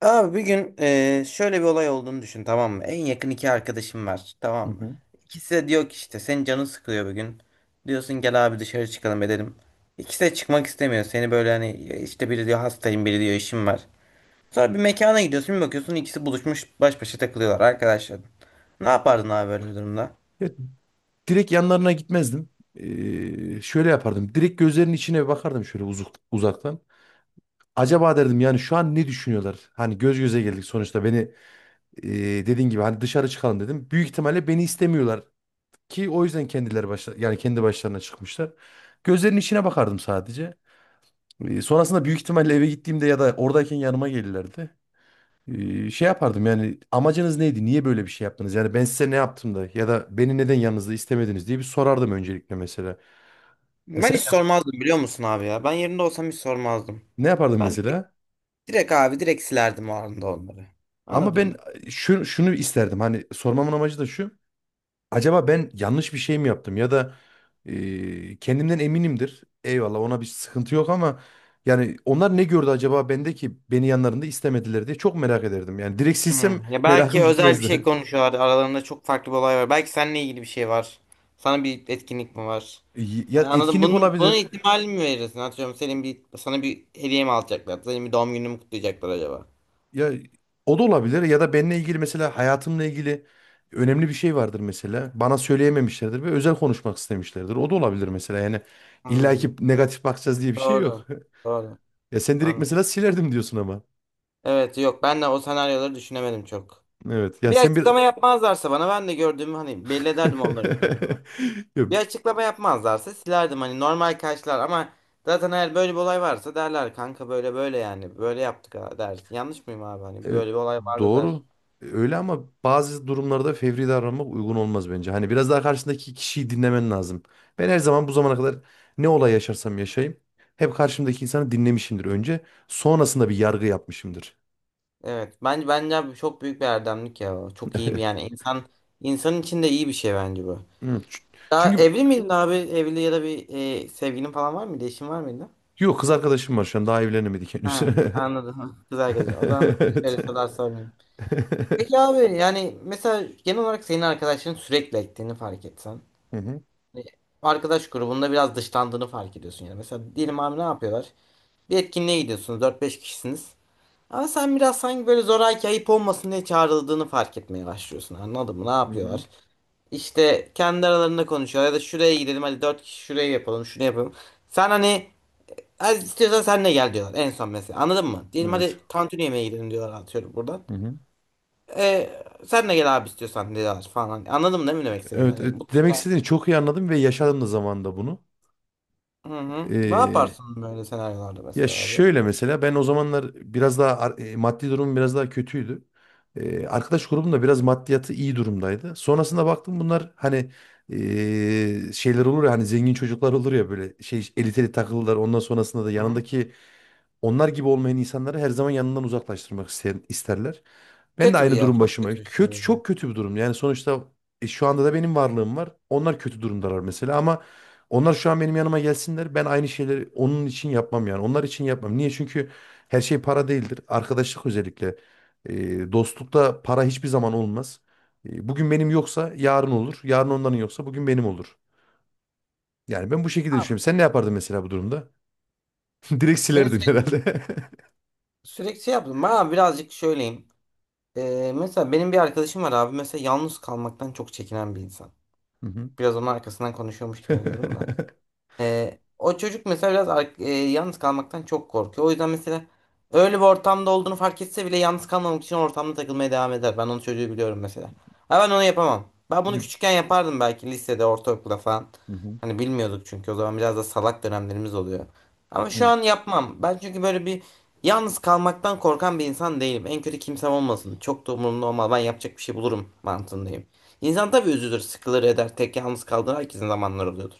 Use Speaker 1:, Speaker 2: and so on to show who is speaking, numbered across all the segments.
Speaker 1: Abi bir gün şöyle bir olay olduğunu düşün, tamam mı? En yakın iki arkadaşım var,
Speaker 2: Hı
Speaker 1: tamam mı?
Speaker 2: hı.
Speaker 1: İkisi de diyor ki işte senin canın sıkılıyor bugün. Diyorsun gel abi dışarı çıkalım edelim. İkisi de çıkmak istemiyor. Seni böyle hani işte biri diyor hastayım biri diyor işim var. Sonra bir mekana gidiyorsun bir bakıyorsun ikisi buluşmuş baş başa takılıyorlar arkadaşlar. Ne yapardın abi böyle bir durumda?
Speaker 2: Ya, direkt yanlarına gitmezdim. Şöyle yapardım. Direkt gözlerinin içine bakardım şöyle uzaktan. Acaba derdim yani şu an ne düşünüyorlar? Hani göz göze geldik sonuçta beni e, dediğin gibi hani dışarı çıkalım dedim. Büyük ihtimalle beni istemiyorlar ki o yüzden kendileri başla yani kendi başlarına çıkmışlar. Gözlerinin içine bakardım sadece. Sonrasında büyük ihtimalle eve gittiğimde ya da oradayken yanıma gelirlerdi. Şey yapardım, yani amacınız neydi? Niye böyle bir şey yaptınız? Yani ben size ne yaptım da, ya da beni neden yanınızda istemediniz diye bir sorardım öncelikle mesela. Ya
Speaker 1: Ben
Speaker 2: sen
Speaker 1: hiç
Speaker 2: ne yap-
Speaker 1: sormazdım biliyor musun abi ya? Ben yerinde olsam hiç sormazdım.
Speaker 2: ne yapardın
Speaker 1: Ben direkt
Speaker 2: mesela?
Speaker 1: direkt abi direkt silerdim o anda onları.
Speaker 2: Ama
Speaker 1: Anladın
Speaker 2: ben
Speaker 1: mı?
Speaker 2: e, şu, şunu isterdim, hani sormamın amacı da şu. Acaba ben yanlış bir şey mi yaptım ya da, kendimden eminimdir. Eyvallah, ona bir sıkıntı yok ama yani onlar ne gördü acaba bende ki beni yanlarında istemediler diye çok merak ederdim. Yani direkt silsem
Speaker 1: Hmm. Ya belki
Speaker 2: merakım
Speaker 1: özel bir şey
Speaker 2: gitmezdi.
Speaker 1: konuşuyorlar. Aralarında çok farklı bir olay var. Belki seninle ilgili bir şey var. Sana bir etkinlik mi var?
Speaker 2: Ya
Speaker 1: Hani anladım.
Speaker 2: etkinlik
Speaker 1: Bunun
Speaker 2: olabilir,
Speaker 1: ihtimalini mi verirsin? Atıyorum senin bir sana bir hediye mi alacaklar? Senin bir doğum gününü mü kutlayacaklar acaba?
Speaker 2: ya o da olabilir ya da benimle ilgili, mesela hayatımla ilgili önemli bir şey vardır mesela. Bana söyleyememişlerdir ve özel konuşmak istemişlerdir. O da olabilir mesela. Yani illa ki
Speaker 1: Anladım.
Speaker 2: negatif bakacağız diye bir şey yok.
Speaker 1: Doğru. Doğru.
Speaker 2: Ya sen direkt
Speaker 1: Anladım.
Speaker 2: mesela silerdim diyorsun ama.
Speaker 1: Evet yok ben de o senaryoları düşünemedim çok.
Speaker 2: Evet, ya
Speaker 1: Bir
Speaker 2: sen
Speaker 1: açıklama
Speaker 2: bir...
Speaker 1: yapmazlarsa bana ben de gördüğümü hani belli ederdim, onları gördüğümü.
Speaker 2: Ya,
Speaker 1: Bir açıklama yapmazlarsa silerdim, hani normal karşılar ama zaten eğer böyle bir olay varsa derler, "Kanka böyle böyle, yani böyle yaptık ha," der. Yanlış mıyım abi, hani
Speaker 2: evet,
Speaker 1: böyle bir olay vardı der.
Speaker 2: doğru. Öyle ama bazı durumlarda fevri davranmak uygun olmaz bence. Hani biraz daha karşındaki kişiyi dinlemen lazım. Ben her zaman bu zamana kadar ne olay yaşarsam yaşayayım hep karşımdaki insanı dinlemişimdir önce. Sonrasında bir yargı yapmışımdır.
Speaker 1: Evet, bence abi çok büyük bir erdemlik ya. O. Çok iyi bir yani insan için de iyi bir şey bence bu.
Speaker 2: Hı, ç-
Speaker 1: Daha
Speaker 2: Çünkü
Speaker 1: evli miydin abi? Evli ya da bir sevgilin falan var mıydı? Eşin var mıydı?
Speaker 2: yok, kız arkadaşım var şu an, daha evlenemedik henüz.
Speaker 1: Ha, anladım. Kız arkadaşım. O zaman
Speaker 2: Evet.
Speaker 1: şöyle sorular sormayayım. Peki abi, yani mesela genel olarak senin arkadaşların sürekli ektiğini fark etsen,
Speaker 2: Hı hı,
Speaker 1: hani arkadaş grubunda biraz dışlandığını fark ediyorsun yani. Mesela diyelim abi, ne yapıyorlar? Bir etkinliğe gidiyorsunuz, dört beş kişisiniz. Ama sen biraz sanki böyle zoraki ayıp olmasın diye çağrıldığını fark etmeye başlıyorsun. Anladın mı? Ne
Speaker 2: hı hı.
Speaker 1: yapıyorlar? İşte kendi aralarında konuşuyorlar ya da şuraya gidelim hadi 4 kişi, şuraya yapalım şunu yapalım. Sen hani, "Az istiyorsan sen de gel," diyorlar en son mesela, anladın mı? Diyelim
Speaker 2: Evet.
Speaker 1: hadi tantuni yemeğe gidelim, diyorlar atıyorum buradan.
Speaker 2: Hı hı.
Speaker 1: E, Sen de gel abi istiyorsan, diyorlar falan. Anladın mı değil mi demek istediğim?
Speaker 2: Evet,
Speaker 1: Hani bu.
Speaker 2: evet, demek istediğini çok iyi anladım ve yaşadım da zamanında bunu.
Speaker 1: Hı hı. Ne
Speaker 2: Ee,
Speaker 1: yaparsın böyle senaryolarda
Speaker 2: Ya
Speaker 1: mesela abi?
Speaker 2: şöyle, mesela ben o zamanlar biraz daha maddi durumum biraz daha kötüydü. Arkadaş grubum da biraz maddiyatı iyi durumdaydı. Sonrasında baktım bunlar hani, şeyler olur ya, hani zengin çocuklar olur ya, böyle şey eliteli takılırlar. Ondan sonrasında da
Speaker 1: Hı hı.
Speaker 2: yanındaki onlar gibi olmayan insanları her zaman yanından uzaklaştırmak isterler. Ben de
Speaker 1: Kötü bir
Speaker 2: aynı
Speaker 1: yer.
Speaker 2: durum
Speaker 1: Çok
Speaker 2: başıma.
Speaker 1: kötü bir şey
Speaker 2: Kötü,
Speaker 1: ya.
Speaker 2: çok kötü bir durum. Yani sonuçta şu anda da benim varlığım var. Onlar kötü durumdalar mesela, ama onlar şu an benim yanıma gelsinler, ben aynı şeyleri onun için yapmam yani. Onlar için yapmam. Niye? Çünkü her şey para değildir. Arkadaşlık özellikle. Dostlukta para hiçbir zaman olmaz. Bugün benim yoksa yarın olur. Yarın onların yoksa bugün benim olur. Yani ben bu şekilde
Speaker 1: Abi,
Speaker 2: düşünüyorum. Sen ne yapardın mesela bu durumda? Direkt
Speaker 1: beni
Speaker 2: silerdin
Speaker 1: sürekli,
Speaker 2: herhalde.
Speaker 1: sürekli şey yaptım. Bana birazcık söyleyeyim. Mesela benim bir arkadaşım var abi. Mesela yalnız kalmaktan çok çekinen bir insan.
Speaker 2: Hı hı.
Speaker 1: Biraz onun arkasından konuşuyormuş gibi oluyorum da. O çocuk mesela biraz yalnız kalmaktan çok korkuyor. O yüzden mesela öyle bir ortamda olduğunu fark etse bile yalnız kalmamak için ortamda takılmaya devam eder. Ben onun çocuğu biliyorum mesela. Ha, ben onu yapamam. Ben bunu küçükken yapardım belki, lisede, ortaokulda falan.
Speaker 2: Hı hı.
Speaker 1: Hani bilmiyorduk çünkü, o zaman biraz da salak dönemlerimiz oluyor. Ama şu
Speaker 2: Evet.
Speaker 1: an yapmam. Ben çünkü böyle bir, yalnız kalmaktan korkan bir insan değilim. En kötü kimsem olmasın. Çok da umurumda olmaz. Ben yapacak bir şey bulurum mantığındayım. İnsan tabii üzülür, sıkılır, eder. Tek yalnız kaldığı, herkesin zamanları oluyordur.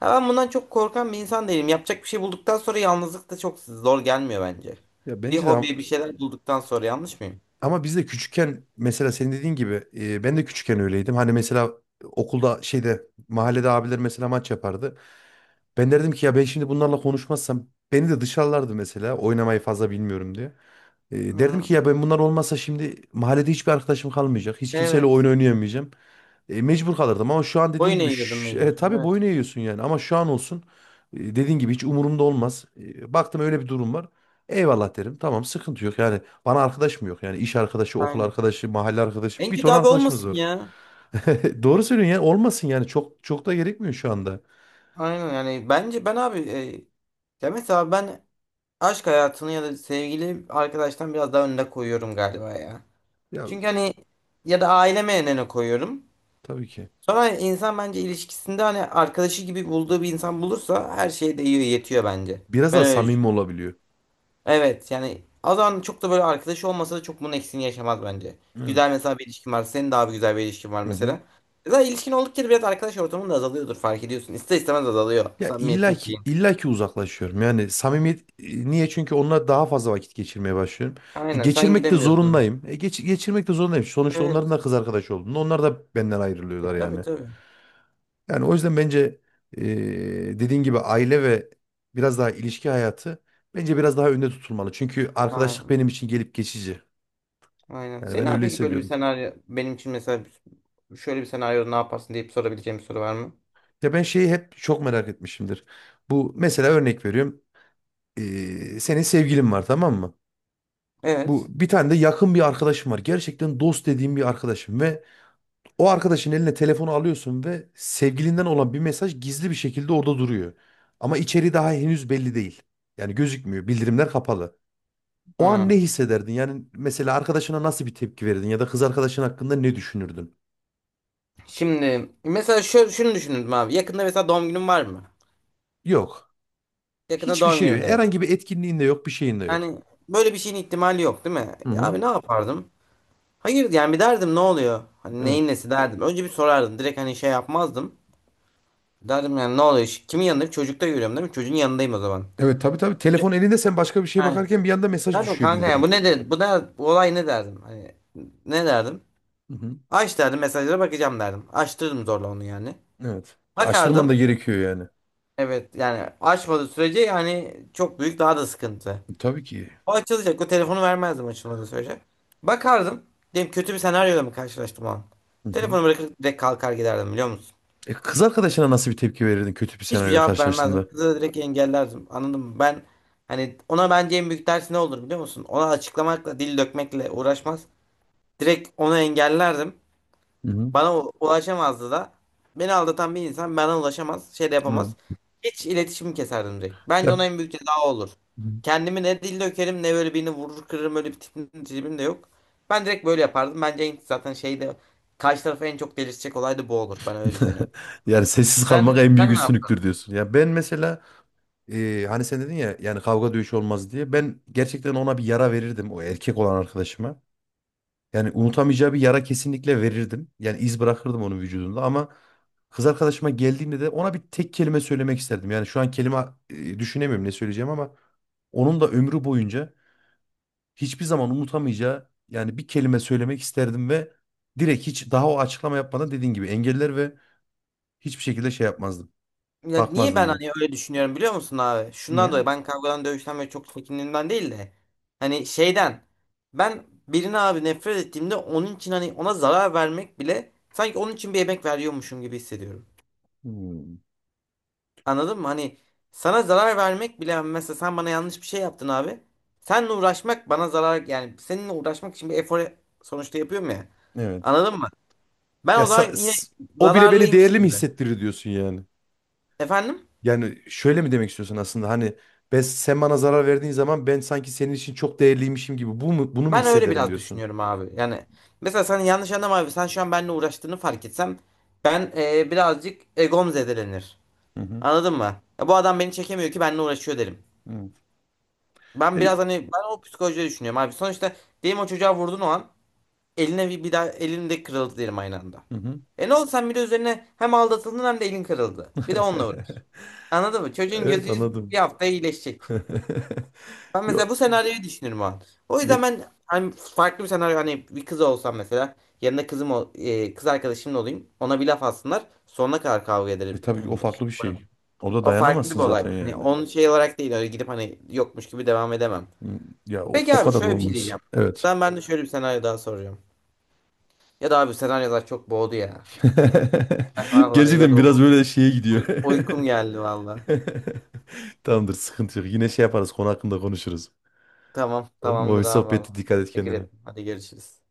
Speaker 1: Ha, ben bundan çok korkan bir insan değilim. Yapacak bir şey bulduktan sonra yalnızlık da çok zor gelmiyor bence.
Speaker 2: Ya,
Speaker 1: Bir
Speaker 2: bence de
Speaker 1: hobi, bir şeyler bulduktan sonra yanlış mıyım?
Speaker 2: ama biz de küçükken mesela, senin dediğin gibi, ben de küçükken öyleydim. Hani mesela okulda, şeyde, mahallede abiler mesela maç yapardı. Ben derdim ki ya, ben şimdi bunlarla konuşmazsam beni de dışarılardı mesela, oynamayı fazla bilmiyorum diye. Derdim
Speaker 1: Hı,
Speaker 2: ki ya, ben bunlar olmasa şimdi mahallede hiçbir arkadaşım kalmayacak. Hiç kimseyle oyun
Speaker 1: evet.
Speaker 2: oynayamayacağım. Mecbur kalırdım ama şu an dediğin
Speaker 1: Boyun
Speaker 2: gibi,
Speaker 1: eğiyordum mecbur.
Speaker 2: tabii boyun
Speaker 1: Evet.
Speaker 2: eğiyorsun yani, ama şu an olsun, dediğin gibi hiç umurumda olmaz. Baktım öyle bir durum var, eyvallah derim. Tamam, sıkıntı yok. Yani bana arkadaş mı yok? Yani iş arkadaşı, okul
Speaker 1: Aynen.
Speaker 2: arkadaşı, mahalle arkadaşı,
Speaker 1: En
Speaker 2: bir
Speaker 1: kötü
Speaker 2: ton
Speaker 1: abi
Speaker 2: arkadaşımız
Speaker 1: olmasın
Speaker 2: var.
Speaker 1: ya.
Speaker 2: Doğru söylüyorsun, yani olmasın yani, çok çok da gerekmiyor şu anda.
Speaker 1: Aynen, yani bence ben abi ya mesela ben aşk hayatını ya da sevgili arkadaştan biraz daha önüne koyuyorum galiba ya.
Speaker 2: Ya,
Speaker 1: Çünkü hani, ya da aileme önüne koyuyorum.
Speaker 2: tabii ki.
Speaker 1: Sonra insan bence ilişkisinde hani arkadaşı gibi bulduğu bir insan bulursa her şey de iyi yetiyor bence.
Speaker 2: Biraz
Speaker 1: Ben
Speaker 2: daha
Speaker 1: öyle düşünüyorum.
Speaker 2: samimi olabiliyor.
Speaker 1: Evet, yani o zaman çok da böyle arkadaşı olmasa da çok bunun eksiğini yaşamaz bence. Güzel
Speaker 2: Evet.
Speaker 1: mesela bir ilişkin var. Senin daha bir güzel bir ilişkin var
Speaker 2: Hı hı.
Speaker 1: mesela. Zaten ilişkin oldukça da biraz arkadaş ortamın da azalıyordur, fark ediyorsun. İster istemez azalıyor
Speaker 2: Ya illa
Speaker 1: samimiyetin
Speaker 2: ki,
Speaker 1: şeyin.
Speaker 2: illa ki uzaklaşıyorum. Yani samimiyet, niye? Çünkü onunla daha fazla vakit geçirmeye başlıyorum.
Speaker 1: Aynen, sen
Speaker 2: Geçirmek de
Speaker 1: gidemiyorsun.
Speaker 2: zorundayım. Geçirmek de zorundayım. Sonuçta onların
Speaker 1: Evet.
Speaker 2: da kız arkadaşı olduğunda onlar da benden ayrılıyorlar
Speaker 1: E,
Speaker 2: yani.
Speaker 1: tabii tabii.
Speaker 2: Yani o yüzden bence e, dediğin gibi aile ve biraz daha ilişki hayatı bence biraz daha önde tutulmalı. Çünkü arkadaşlık
Speaker 1: Aynen.
Speaker 2: benim için gelip geçici.
Speaker 1: Aynen.
Speaker 2: Yani
Speaker 1: Senin
Speaker 2: ben
Speaker 1: abi,
Speaker 2: öyle
Speaker 1: peki böyle bir
Speaker 2: hissediyorum.
Speaker 1: senaryo benim için mesela, şöyle bir senaryoda ne yaparsın deyip sorabileceğim bir soru var mı?
Speaker 2: Ya, ben şeyi hep çok merak etmişimdir. Bu, mesela örnek veriyorum. Senin sevgilin var, tamam mı? Bu
Speaker 1: Evet.
Speaker 2: bir tane de yakın bir arkadaşım var, gerçekten dost dediğim bir arkadaşım, ve o arkadaşın eline telefonu alıyorsun ve sevgilinden olan bir mesaj gizli bir şekilde orada duruyor. Ama içeriği daha henüz belli değil. Yani gözükmüyor, bildirimler kapalı. O an ne
Speaker 1: Hmm.
Speaker 2: hissederdin? Yani mesela arkadaşına nasıl bir tepki verirdin ya da kız arkadaşın hakkında ne düşünürdün?
Speaker 1: Şimdi mesela şöyle, şunu düşündüm abi. Yakında mesela doğum günüm var mı?
Speaker 2: Yok.
Speaker 1: Yakında
Speaker 2: Hiçbir
Speaker 1: doğum
Speaker 2: şey
Speaker 1: günüm de
Speaker 2: yok.
Speaker 1: yok.
Speaker 2: Herhangi bir etkinliğin de yok, bir şeyin de yok.
Speaker 1: Yani böyle bir şeyin ihtimali yok değil mi?
Speaker 2: Hı
Speaker 1: E
Speaker 2: hı.
Speaker 1: abi, ne yapardım? Hayır yani, bir derdim ne oluyor? Hani
Speaker 2: Evet.
Speaker 1: neyin nesi derdim. Önce bir sorardım. Direkt hani şey yapmazdım. Derdim yani ne oluyor? Kimin yanındayım? Çocukta görüyorum değil mi? Çocuğun yanındayım o zaman.
Speaker 2: Evet, tabii tabii. Telefon
Speaker 1: Ç-
Speaker 2: elinde, sen başka bir şeye
Speaker 1: He.
Speaker 2: bakarken bir anda mesaj
Speaker 1: Derdim
Speaker 2: düşüyor,
Speaker 1: kanka ya
Speaker 2: bildirim.
Speaker 1: bu ne, de bu da bu olay ne derdim? Hani ne derdim?
Speaker 2: Hı hı.
Speaker 1: Aç derdim, mesajlara bakacağım derdim. Açtırdım zorla onu yani.
Speaker 2: Evet. Açtırman da
Speaker 1: Bakardım.
Speaker 2: gerekiyor yani.
Speaker 1: Evet yani, açmadığı sürece yani çok büyük daha da sıkıntı.
Speaker 2: Tabii ki.
Speaker 1: O açılacak. O telefonu vermezdim açılmadığı sürece. Bakardım. Diyelim kötü bir senaryoyla mı karşılaştım o an?
Speaker 2: Hı hı.
Speaker 1: Telefonu bırakıp direkt kalkar giderdim, biliyor musun?
Speaker 2: Kız arkadaşına nasıl bir tepki verirdin kötü bir
Speaker 1: Hiçbir
Speaker 2: senaryo
Speaker 1: cevap vermezdim.
Speaker 2: karşılaştığında?
Speaker 1: Kızı da direkt engellerdim. Anladın mı? Ben hani, ona bence en büyük ders ne olur biliyor musun? Ona açıklamakla, dil dökmekle uğraşmaz. Direkt onu engellerdim.
Speaker 2: Hı hı.
Speaker 1: Bana ulaşamazdı da. Beni aldatan bir insan bana ulaşamaz, şey de yapamaz.
Speaker 2: Evet.
Speaker 1: Hiç iletişimi keserdim direkt. Bence ona
Speaker 2: Ya,
Speaker 1: en büyük ceza o olur. Kendimi ne dil dökerim ne böyle birini vurur kırırım, öyle bir tipim de yok. Ben direkt böyle yapardım. Bence en, zaten şeyde karşı tarafı en çok delirtecek olay da bu olur. Ben öyle düşünüyorum.
Speaker 2: yani sessiz kalmak
Speaker 1: Sen,
Speaker 2: en büyük
Speaker 1: sen ne yaptın?
Speaker 2: üstünlüktür diyorsun. Ya ben mesela, hani sen dedin ya, yani kavga dövüş olmaz diye, ben gerçekten ona bir yara verirdim, o erkek olan arkadaşıma. Yani unutamayacağı bir yara kesinlikle verirdim. Yani iz bırakırdım onun vücudunda, ama kız arkadaşıma geldiğinde de ona bir tek kelime söylemek isterdim. Yani şu an kelime düşünemiyorum ne söyleyeceğim, ama onun da ömrü boyunca hiçbir zaman unutamayacağı yani bir kelime söylemek isterdim, ve direkt, hiç daha o açıklama yapmadan, dediğin gibi engeller ve hiçbir şekilde şey yapmazdım.
Speaker 1: Ya niye,
Speaker 2: Bakmazdım
Speaker 1: ben
Speaker 2: ya.
Speaker 1: hani öyle düşünüyorum biliyor musun abi? Şundan
Speaker 2: Niye?
Speaker 1: dolayı, ben kavgadan dövüşten böyle çok çekindiğimden değil de hani şeyden, ben birine abi nefret ettiğimde onun için hani ona zarar vermek bile sanki onun için bir emek veriyormuşum gibi hissediyorum.
Speaker 2: Hmm.
Speaker 1: Anladın mı? Hani sana zarar vermek bile hani, mesela sen bana yanlış bir şey yaptın abi. Seninle uğraşmak bana zarar, yani seninle uğraşmak için bir efor sonuçta yapıyorum ya.
Speaker 2: Evet.
Speaker 1: Anladın mı? Ben
Speaker 2: Ya
Speaker 1: o zaman
Speaker 2: sa-
Speaker 1: yine
Speaker 2: s- o bile beni değerli
Speaker 1: zararlıymışım
Speaker 2: mi
Speaker 1: gibi.
Speaker 2: hissettirir diyorsun yani.
Speaker 1: Efendim?
Speaker 2: Yani şöyle mi demek istiyorsun aslında, hani ben, sen bana zarar verdiğin zaman ben sanki senin için çok değerliymişim gibi, bu mu, bunu mu
Speaker 1: Ben öyle
Speaker 2: hissederim
Speaker 1: biraz
Speaker 2: diyorsun?
Speaker 1: düşünüyorum abi. Yani mesela sen yanlış anlama abi. Sen şu an benimle uğraştığını fark etsem, ben birazcık egom zedelenir.
Speaker 2: Hı hı.
Speaker 1: Anladın mı? Ya bu adam beni çekemiyor ki benimle uğraşıyor derim.
Speaker 2: Hı.
Speaker 1: Ben
Speaker 2: E,
Speaker 1: biraz hani ben o psikolojide düşünüyorum abi. Sonuçta diyelim o çocuğa vurdun o an, eline bir daha elim de kırıldı derim aynı anda.
Speaker 2: Hı hı.
Speaker 1: E ne oldu, sen bir de üzerine hem aldatıldın hem de elin kırıldı. Bir de onunla uğraş. Anladın mı? Çocuğun
Speaker 2: Evet,
Speaker 1: gözü bir
Speaker 2: anladım.
Speaker 1: hafta iyileşecek. Ben mesela bu senaryoyu düşünürüm o an. O yüzden
Speaker 2: Yok.
Speaker 1: ben hani farklı bir senaryo, hani bir kız olsam mesela, yanında kızım kız arkadaşımla olayım. Ona bir laf atsınlar. Sonuna kadar kavga
Speaker 2: E
Speaker 1: ederim.
Speaker 2: tabii ki, o
Speaker 1: Hani
Speaker 2: farklı
Speaker 1: şey
Speaker 2: bir şey.
Speaker 1: yaparım.
Speaker 2: Orada
Speaker 1: O farklı bir
Speaker 2: dayanamazsın
Speaker 1: olay.
Speaker 2: zaten
Speaker 1: Hani
Speaker 2: yani.
Speaker 1: onun şey olarak değil, öyle gidip hani yokmuş gibi devam edemem.
Speaker 2: Hmm. Ya o,
Speaker 1: Peki
Speaker 2: o
Speaker 1: abi,
Speaker 2: kadar da
Speaker 1: şöyle bir şey
Speaker 2: olmaz.
Speaker 1: diyeceğim.
Speaker 2: Evet.
Speaker 1: Ben de şöyle bir senaryo daha soracağım. Ya da abi senaryolar çok boğdu ya. Ben vallahi
Speaker 2: Gerçekten biraz
Speaker 1: yoruldum.
Speaker 2: böyle şeye gidiyor.
Speaker 1: Uykum geldi vallahi.
Speaker 2: Tamamdır, sıkıntı yok. Yine şey yaparız, konu hakkında konuşuruz.
Speaker 1: Tamam,
Speaker 2: Olur mu? O
Speaker 1: tamamdır abi
Speaker 2: sohbette
Speaker 1: vallahi.
Speaker 2: dikkat et
Speaker 1: Teşekkür
Speaker 2: kendine.
Speaker 1: ederim. Hadi görüşürüz.